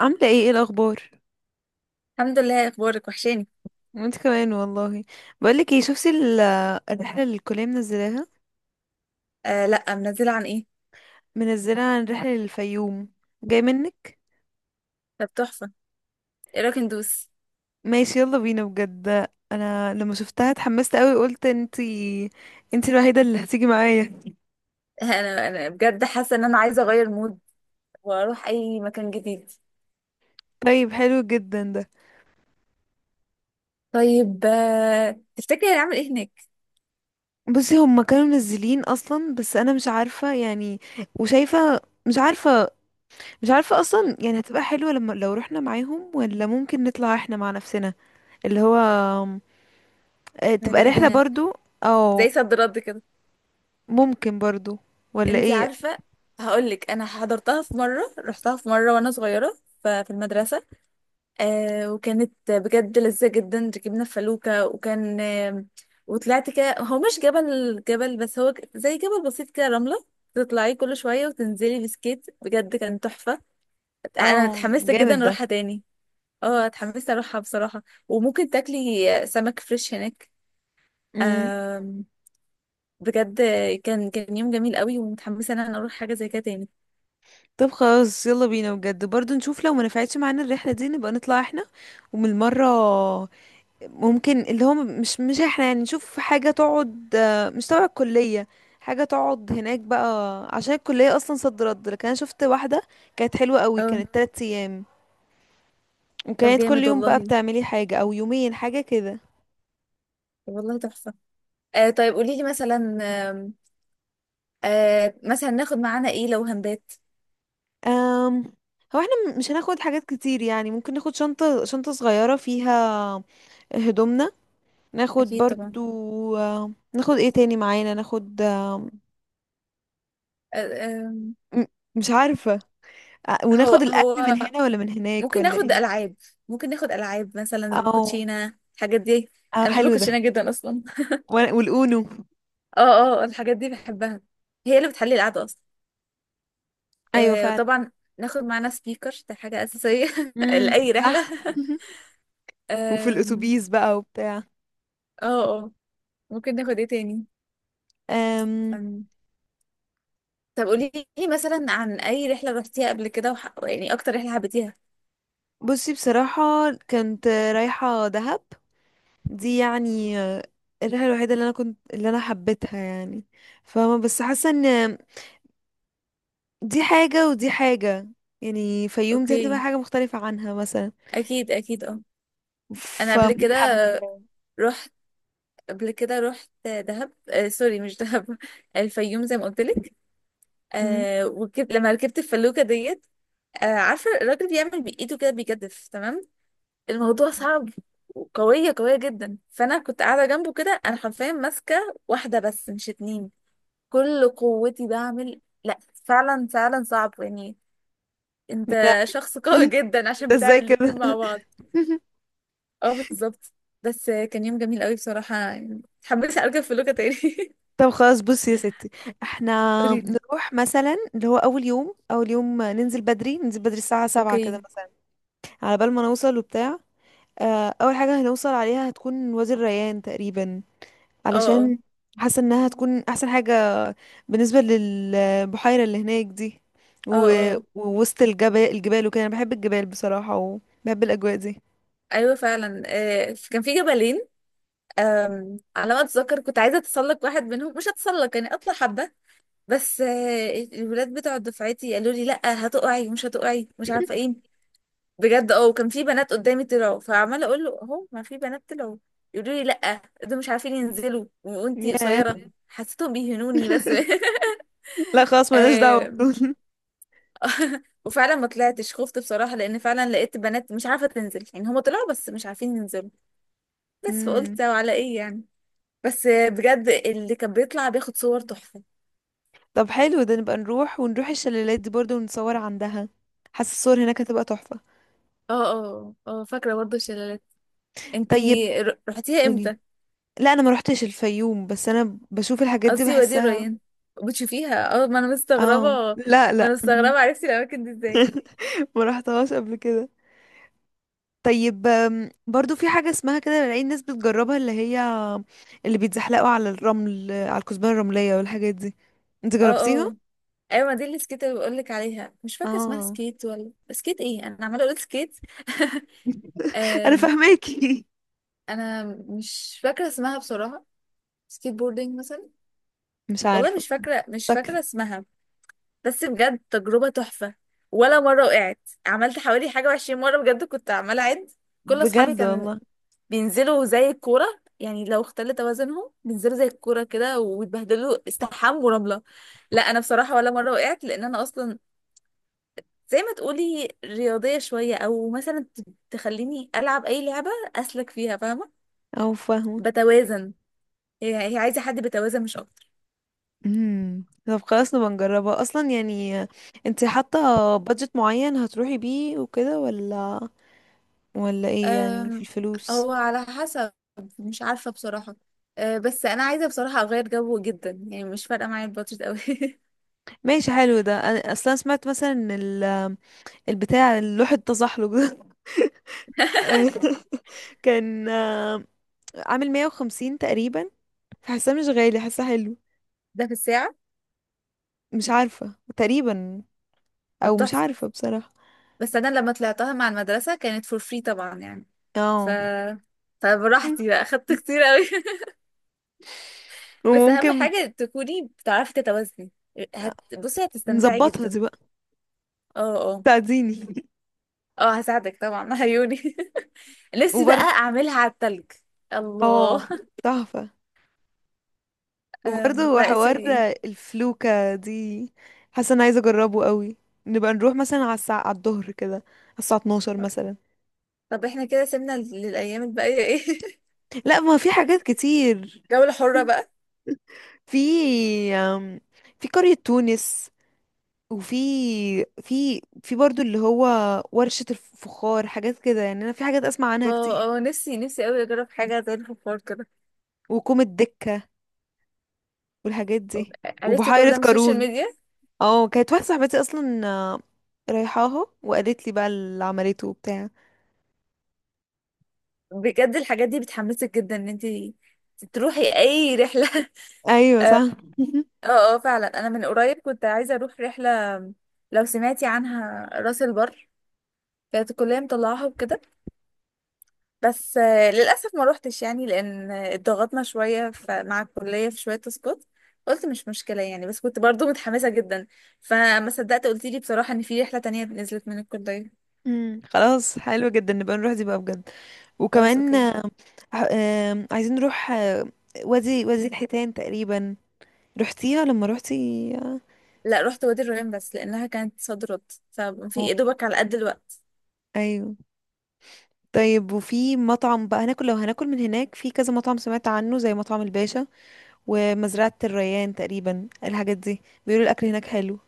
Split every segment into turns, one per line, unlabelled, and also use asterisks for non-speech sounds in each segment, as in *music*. عاملة ايه الأخبار؟
الحمد لله. إيه اخبارك؟ وحشاني.
وانت كمان والله. بقولك ايه، شفتي الرحلة اللي الكلية منزلاها؟
آه، لا منزله، عن ايه؟
منزلها عن رحلة للفيوم، جاي منك؟
طب تحفه. ايه رايك ندوس؟
ماشي يلا بينا بجد، انا لما شفتها اتحمست قوي، قلت انتي الوحيدة اللي هتيجي معايا.
*laughs* انا بجد حاسه ان انا عايزه اغير مود، واروح اي مكان جديد.
طيب حلو جدا ده.
طيب، تفتكري هنعمل ايه هناك؟
بصي هما كانوا منزلين اصلا، بس انا مش عارفة يعني، وشايفة، مش عارفة مش عارفة اصلا يعني هتبقى حلوة لما لو رحنا معاهم، ولا ممكن نطلع احنا مع نفسنا، اللي هو تبقى رحلة
لوحدنا.
برضو.
زي
او
صد رد كده.
ممكن برضو، ولا
انتي
ايه.
عارفه؟ هقول لك، انا حضرتها في مره، رحتها في مره وانا صغيره في المدرسه. وكانت بجد لذيذة جدا، ركبنا في فلوكة وكان وطلعت كده. هو مش جبل جبل، بس هو زي جبل بسيط كده، رملة. تطلعي كل شوية وتنزلي بسكيت، بجد كان تحفة. أنا
اه
اتحمست
جامد
جدا
ده.
أروحها تاني. اه، اتحمست أروحها بصراحة. وممكن تاكلي سمك فريش هناك.
امم.
آم، بجد. كان يوم جميل قوي، ومتحمسة إن أنا أروح حاجة زي كده تاني.
طب خلاص يلا بينا بجد، برضو نشوف لو ما نفعتش معانا الرحلة دي نبقى نطلع احنا. ومن المرة ممكن اللي هو مش احنا يعني، نشوف حاجة تقعد مش تبع الكلية، حاجة تقعد هناك بقى، عشان الكلية اصلا صد رد. لكن انا شفت واحدة كانت حلوة قوي،
اه،
كانت تلات ايام،
طب
وكانت كل
جامد
يوم بقى
والله.
بتعملي حاجة او يومين حاجة كده.
والله تحفة. طيب قولي لي مثلا. مثلا ناخد معانا ايه لو هندات؟
أم هو احنا مش هناخد حاجات كتير، يعني ممكن ناخد شنطة صغيرة فيها هدومنا، ناخد
اكيد طبعا.
برضو ناخد ايه تاني معانا، ناخد
آه آم،
م- مش عارفة. وناخد
هو
الأكل من
هو
هنا ولا من هناك
ممكن
ولا
ناخد
ايه.
العاب ممكن ناخد العاب مثلا
او
كوتشينه، الحاجات دي.
او
انا بحب
حلو ده.
الكوتشينه جدا اصلا.
والأونو.
*laughs* اه، اه، الحاجات دي بحبها. هي اللي بتحلي القعده اصلا.
ايوه فعلا.
وطبعا ناخد معانا سبيكر، ده حاجه اساسيه *laughs*
امم،
لاي رحله.
صح. *laughs* وفي
آم،
الأتوبيس بقى وبتاع.
اه، اه، ممكن ناخد ايه تاني؟
أم
أم، طب قولي لي مثلا، عن اي رحله رحتيها قبل كده يعني اكتر رحله حبيتيها؟
بصي بصراحة كنت رايحة دهب، دي يعني الريحة الوحيدة اللي انا حبيتها يعني، فاهمة، بس حاسة ان دي حاجة ودي حاجة، يعني فيوم دي هتبقى
اوكي،
حاجة مختلفة عنها مثلا.
اكيد اكيد، اه. انا قبل كده
فمتحمسة.
رحت قبل كده رحت دهب. آه سوري، مش دهب *laughs* الفيوم، زي ما قلت لك.
مهم.
لما ركبت الفلوكه ديت، عارفه الراجل بيعمل بايده كده بيجدف، تمام؟ الموضوع صعب. وقويه قويه جدا، فانا كنت قاعده جنبه كده، انا حرفيا ماسكه واحده بس مش اتنين. كل قوتي بعمل لا. فعلا فعلا صعب يعني.
لا.
انت شخص *laughs*
*laughs*
قوي
انت
جدا عشان
ازاي
بتعمل
كده؟
الاتنين مع بعض.
*laughs*
اه، بالظبط. بس كان يوم جميل قوي بصراحه، يعني اتحمست اركب فلوكه تاني *laughs*
طب خلاص بصي يا ستي، احنا
قوليلي.
نروح مثلا اللي هو اول يوم، اول يوم ننزل بدري الساعة سبعة كده
اوكي.
مثلا، على بال ما نوصل وبتاع. اول حاجة هنوصل عليها هتكون وادي الريان تقريبا،
اه، اه،
علشان حاسة انها هتكون احسن حاجة بالنسبة للبحيرة اللي هناك دي.
اه،
و...
اه.
ووسط الجبال، الجبال وكده، انا بحب الجبال بصراحة، وبحب الأجواء دي.
ايوه فعلا، كان في جبلين. على ما اتذكر كنت عايزه اتسلق واحد منهم، مش اتسلق يعني، اطلع حبه. بس الولاد بتوع دفعتي قالوا لي لا هتقعي، مش هتقعي، مش عارفه ايه. بجد، وكان في بنات قدامي طلعوا، فعماله اقول له اهو ما في بنات طلعوا. يقولوا لي لا، دول مش عارفين ينزلوا وانتي
ياه.
قصيره. حسيتهم بيهنوني بس.
*laughs* لا خلاص، ملناش دعوة
*laughs*
بدول.
*laughs* وفعلا ما طلعتش، خفت بصراحة، لأن فعلا لقيت بنات مش عارفة تنزل. يعني هما طلعوا بس مش عارفين ينزلوا. بس
مم.
فقلت وعلى ايه يعني. بس بجد اللي كان بيطلع بياخد صور تحفة.
طب حلو ده، نبقى نروح ونروح الشلالات دي برضه، ونصور عندها، حاسة الصور هناك هتبقى تحفة.
اه، اه، اه، فاكرة برضه الشلالات.
طيب
انتي رحتيها
قولي،
امتى؟
لا انا ما روحتش الفيوم، بس انا بشوف الحاجات دي
قصدي وادي
بحسها.
الريان. بتشوفيها، اه، ما انا مستغربة.
اه لا
ما انا
لا.
مستغربة
*laughs*
عرفتي الأماكن دي ازاي.
ما رحتهاش قبل كده. طيب برضو في حاجة اسمها كده، بلاقي الناس بتجربها، اللي بيتزحلقوا على الرمل، على الكثبان الرملية والحاجات دي، انت
اه،
جربتيها؟
اه، ايوه ما دي اللي سكيت اللي بقولك عليها، مش فاكرة اسمها
اه.
سكيت ولا سكيت ايه، انا عمالة اقول سكيت *laughs*
*laughs* انا
آم،
فاهماكي.
انا مش فاكرة اسمها بصراحة. سكيت بوردينج مثلا.
مش
والله
عارفة،
مش
مش
فاكرة، مش فاكرة
فاكرة.
اسمها. بس بجد تجربة تحفة. ولا مرة وقعت. عملت حوالي حاجة و20 مرة، بجد كنت عمالة أعد. كل أصحابي
بجد
كان
والله.
بينزلوا زي الكورة. يعني لو اختل توازنهم بينزلوا زي الكورة كده، ويتبهدلوا، استحمام ورملة. لا أنا بصراحة، ولا مرة وقعت. لأن أنا أصلا زي ما تقولي رياضية شوية، أو مثلا تخليني ألعب أي لعبة. أسلك فيها، فاهمة؟
او فاهمة.
بتوازن. هي عايزة حد بتوازن مش أكتر.
طب خلاص نبقى نجربها اصلا يعني. انت حاطة بادجت معين هتروحي بيه وكده، ولا ايه يعني في
أم،
الفلوس؟
هو على حسب. مش عارفة بصراحة. بس أنا عايزة بصراحة أغير جو جدا، يعني مش فارقة معايا البادجت أوي *laughs*
ماشي حلو ده. انا اصلا سمعت مثلا ان البتاع اللوح التزحلق ده *laughs* كان عامل 150 تقريبا، فحاساه مش غالي، حاساه حلو.
ده في الساعة؟
مش عارفة تقريبا.
طب
او مش
تحفة.
عارفة بصراحة.
بس أنا لما طلعتها مع المدرسة كانت فور فري طبعا يعني. ف
اه.
فبراحتي
*laughs*
بقى أخدت كتير أوي *laughs* بس أهم
وممكن
حاجة تكوني بتعرفي تتوازني.
آه،
بصي هتستمتعي
نظبطها
جدا.
دي بقى،
اه، اه،
تعزيني. *laughs*
اه، هساعدك طبعا عيوني. *laughs* نفسي بقى
وبرضه
أعملها على التلج.
اه،
الله.
تحفة.
*laughs*
وبرضه
لا
حوار
سوري.
الفلوكة دي، حاسة انا عايزة اجربه قوي. نبقى نروح مثلا على الساعة، على الظهر كده، على الساعة 12 مثلا.
طب احنا كده سيبنا للأيام الباقية ايه؟ *laughs*
لا ما في حاجات كتير.
جولة حرة بقى.
في أم، في قرية تونس، وفي في في برضو اللي هو ورشة الفخار، حاجات كده يعني، انا في حاجات اسمع عنها كتير،
اه، اه، نفسي نفسي قوي اجرب حاجة زي الفخار كده.
وكوم الدكة والحاجات دي،
عرفتي كل
وبحيرة
ده من السوشيال
قارون.
ميديا؟
اه كانت واحدة صاحبتي اصلا رايحاها، وقالت لي بقى اللي عملته وبتاع.
بجد الحاجات دي بتحمسك جدا ان انت تروحي اي رحلة *laughs*
ايوه
اه،
صح. *laughs*
اه، فعلا انا من قريب كنت عايزة اروح رحلة. لو سمعتي عنها راس البر. كانت الكلية مطلعاها وكده. بس للأسف ما روحتش يعني، لأن اتضغطنا شوية مع الكلية في شوية تسقط. قلت مش مشكلة يعني، بس كنت برضو متحمسة جدا. فما صدقت قلت لي بصراحة إن في رحلة تانية نزلت من الكلية.
خلاص حلو جدا، نبقى نروح دي بقى بجد.
خلاص
وكمان
أوكي.
آه، آم، عايزين نروح وادي الحيتان تقريبا، رحتيها لما روحتي؟
لا، رحت وادي الريان بس لأنها كانت صد رد، ففي
اه
يا دوبك على قد الوقت.
ايوه. طيب وفي مطعم بقى هناكل، لو هناكل من هناك، في كذا مطعم سمعت عنه زي مطعم الباشا ومزرعة الريان تقريبا، الحاجات دي بيقولوا الأكل هناك حلو.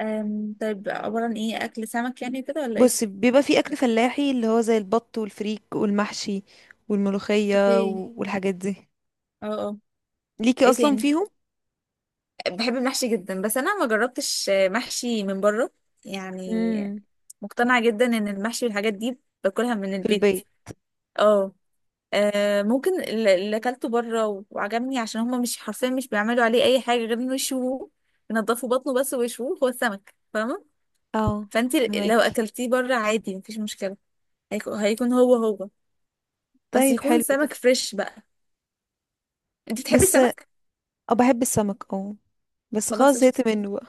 طيب، عبارة عن إيه؟ أكل سمك يعني كده ولا إيه؟
بص بيبقى في أكل فلاحي اللي هو زي البط والفريك والمحشي والملوخية
اوكي،
والحاجات دي،
اه، اه،
ليكي
إيه
أصلا
تاني؟
فيهم.
بحب المحشي جدا، بس انا ما جربتش محشي من بره يعني.
امم.
مقتنعة جدا ان المحشي والحاجات دي باكلها من
في
البيت.
البيت.
اه، ممكن اللي اكلته بره وعجبني عشان هما مش حرفيا، مش بيعملوا عليه اي حاجة غير انه يشوه، ينضفوا بطنه بس ويشوه هو السمك، فاهمة؟
اه
فانت لو
فهماكي.
اكلتيه بره عادي مفيش مشكلة. هيكون هو. بس
طيب
يكون
حلو ده.
سمك فريش بقى. انت بتحبي
بس اه
السمك؟
بحب السمك اه، بس
خلاص
خلاص زهقت منه بقى.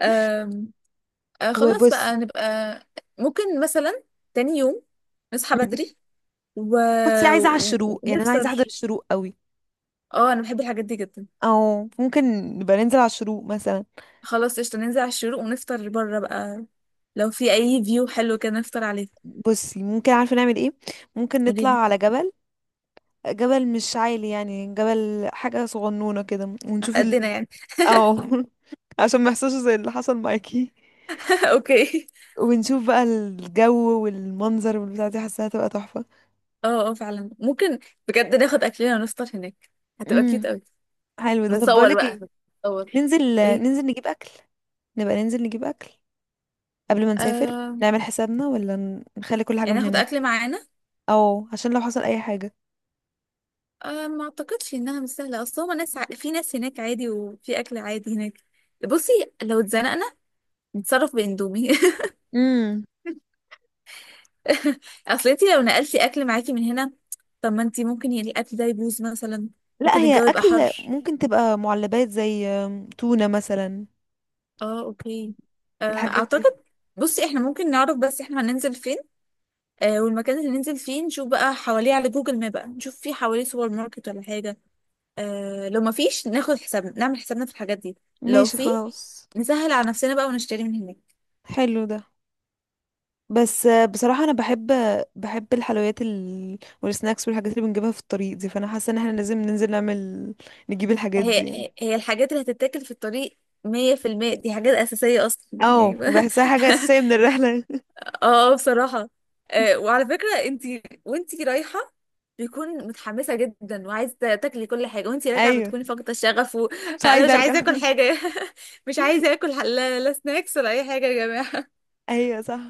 قشطة. خلاص
وبص،
بقى نبقى. ممكن مثلا تاني يوم نصحى بدري و...
بصي عايزة على الشروق يعني، أنا عايزة أحضر
ونفطر.
الشروق قوي.
اه، انا بحب الحاجات دي جدا.
او ممكن نبقى ننزل على الشروق مثلا.
خلاص قشطة، ننزل على الشروق ونفطر بره بقى. لو في اي فيو حلو كده نفطر عليه.
بصي ممكن عارفه نعمل ايه، ممكن نطلع
قوليلي.
على جبل، جبل مش عالي يعني، جبل حاجه صغنونه كده،
على
ونشوف
قدنا
ال.
يعني.
او. *laughs* عشان ما يحصلش زي اللي حصل معاكي،
*laughs* اوكي،
ونشوف بقى الجو والمنظر والبتاع دي، حاساها هتبقى تحفه.
اه، اه، فعلا ممكن. بجد ناخد اكلنا ونفطر هناك. هتبقى كيوت
امم
قوي.
حلو ده. طب
نتصور
بقولك
بقى،
ايه،
نتصور.
ننزل
ايه؟
ننزل نجيب اكل، نبقى ننزل نجيب اكل قبل ما نسافر،
آه.
نعمل حسابنا ولا نخلي كل حاجه
يعني
من
ناخد اكل
هناك،
معانا؟
او عشان لو حصل اي حاجه.
أه، ما اعتقدش انها مش سهله، اصل هما ناس في ناس هناك عادي، وفي اكل عادي هناك. بصي، لو اتزنقنا نتصرف باندومي
امم.
*laughs* اصل انتي لو نقلتي اكل معاكي من هنا، طب ما انتي ممكن يعني الاكل ده يبوظ مثلا.
لا
ممكن
هي
الجو يبقى
اكل
حر.
ممكن تبقى معلبات زي تونة مثلا،
اه، اوكي. أه،
الحاجات دي.
اعتقد. بصي، احنا ممكن نعرف بس احنا هننزل فين. والمكان اللي ننزل فيه نشوف بقى حواليه على جوجل ماب، بقى نشوف فيه حواليه سوبر ماركت ولا حاجه. لو ما فيش ناخد حسابنا نعمل حسابنا في الحاجات دي. لو
ماشي
في،
خلاص
نسهل على نفسنا بقى ونشتري من هناك.
حلو ده. بس بصراحة انا بحب الحلويات، والسناكس والحاجات اللي بنجيبها في الطريق دي، فانا حاسة ان احنا لازم ننزل نعمل، نجيب الحاجات دي يعني،
هي هي الحاجات اللي هتتاكل في الطريق، 100% دي حاجات أساسية أصلا
اه
يعني بقى.
بحسها حاجة اساسية من
*laughs*
الرحلة.
اه، بصراحة. وعلى فكرة، انتي وانتي رايحة، بيكون متحمسة جدا وعايزة تاكلي كل حاجة، وانتي
*laughs*
راجعة
ايوه
بتكوني فاقدة الشغف
مش
وأنا *laughs*
عايزة
مش
ارجع.
عايزة
*laughs*
آكل حاجة. *laughs* مش عايزة آكل لا, لا سناكس ولا أي حاجة يا جماعة.
ايوه صح.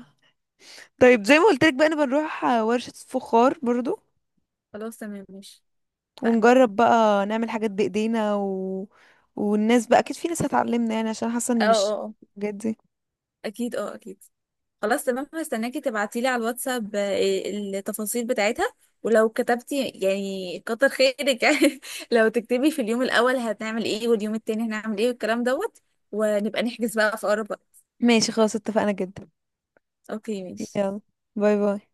طيب زي ما قلت لك بقى، انا بنروح ورشة فخار برضو،
*laughs* خلاص تمام ماشي. اتفقنا.
ونجرب بقى نعمل حاجات بايدينا و... والناس بقى اكيد في ناس هتعلمنا يعني، عشان حاسه
اه،
ان
اه،
مش الحاجات دي.
أكيد اه أكيد. خلاص تمام، هستناكي تبعتيلي على الواتساب التفاصيل بتاعتها. ولو كتبتي يعني كتر خيرك *laughs* يعني. لو تكتبي في اليوم الأول هنعمل ايه، واليوم التاني هنعمل ايه، والكلام دوت. ونبقى نحجز بقى في أقرب وقت.
ماشي خلاص اتفقنا جدا.
اوكي ماشي.
يلا، باي باي.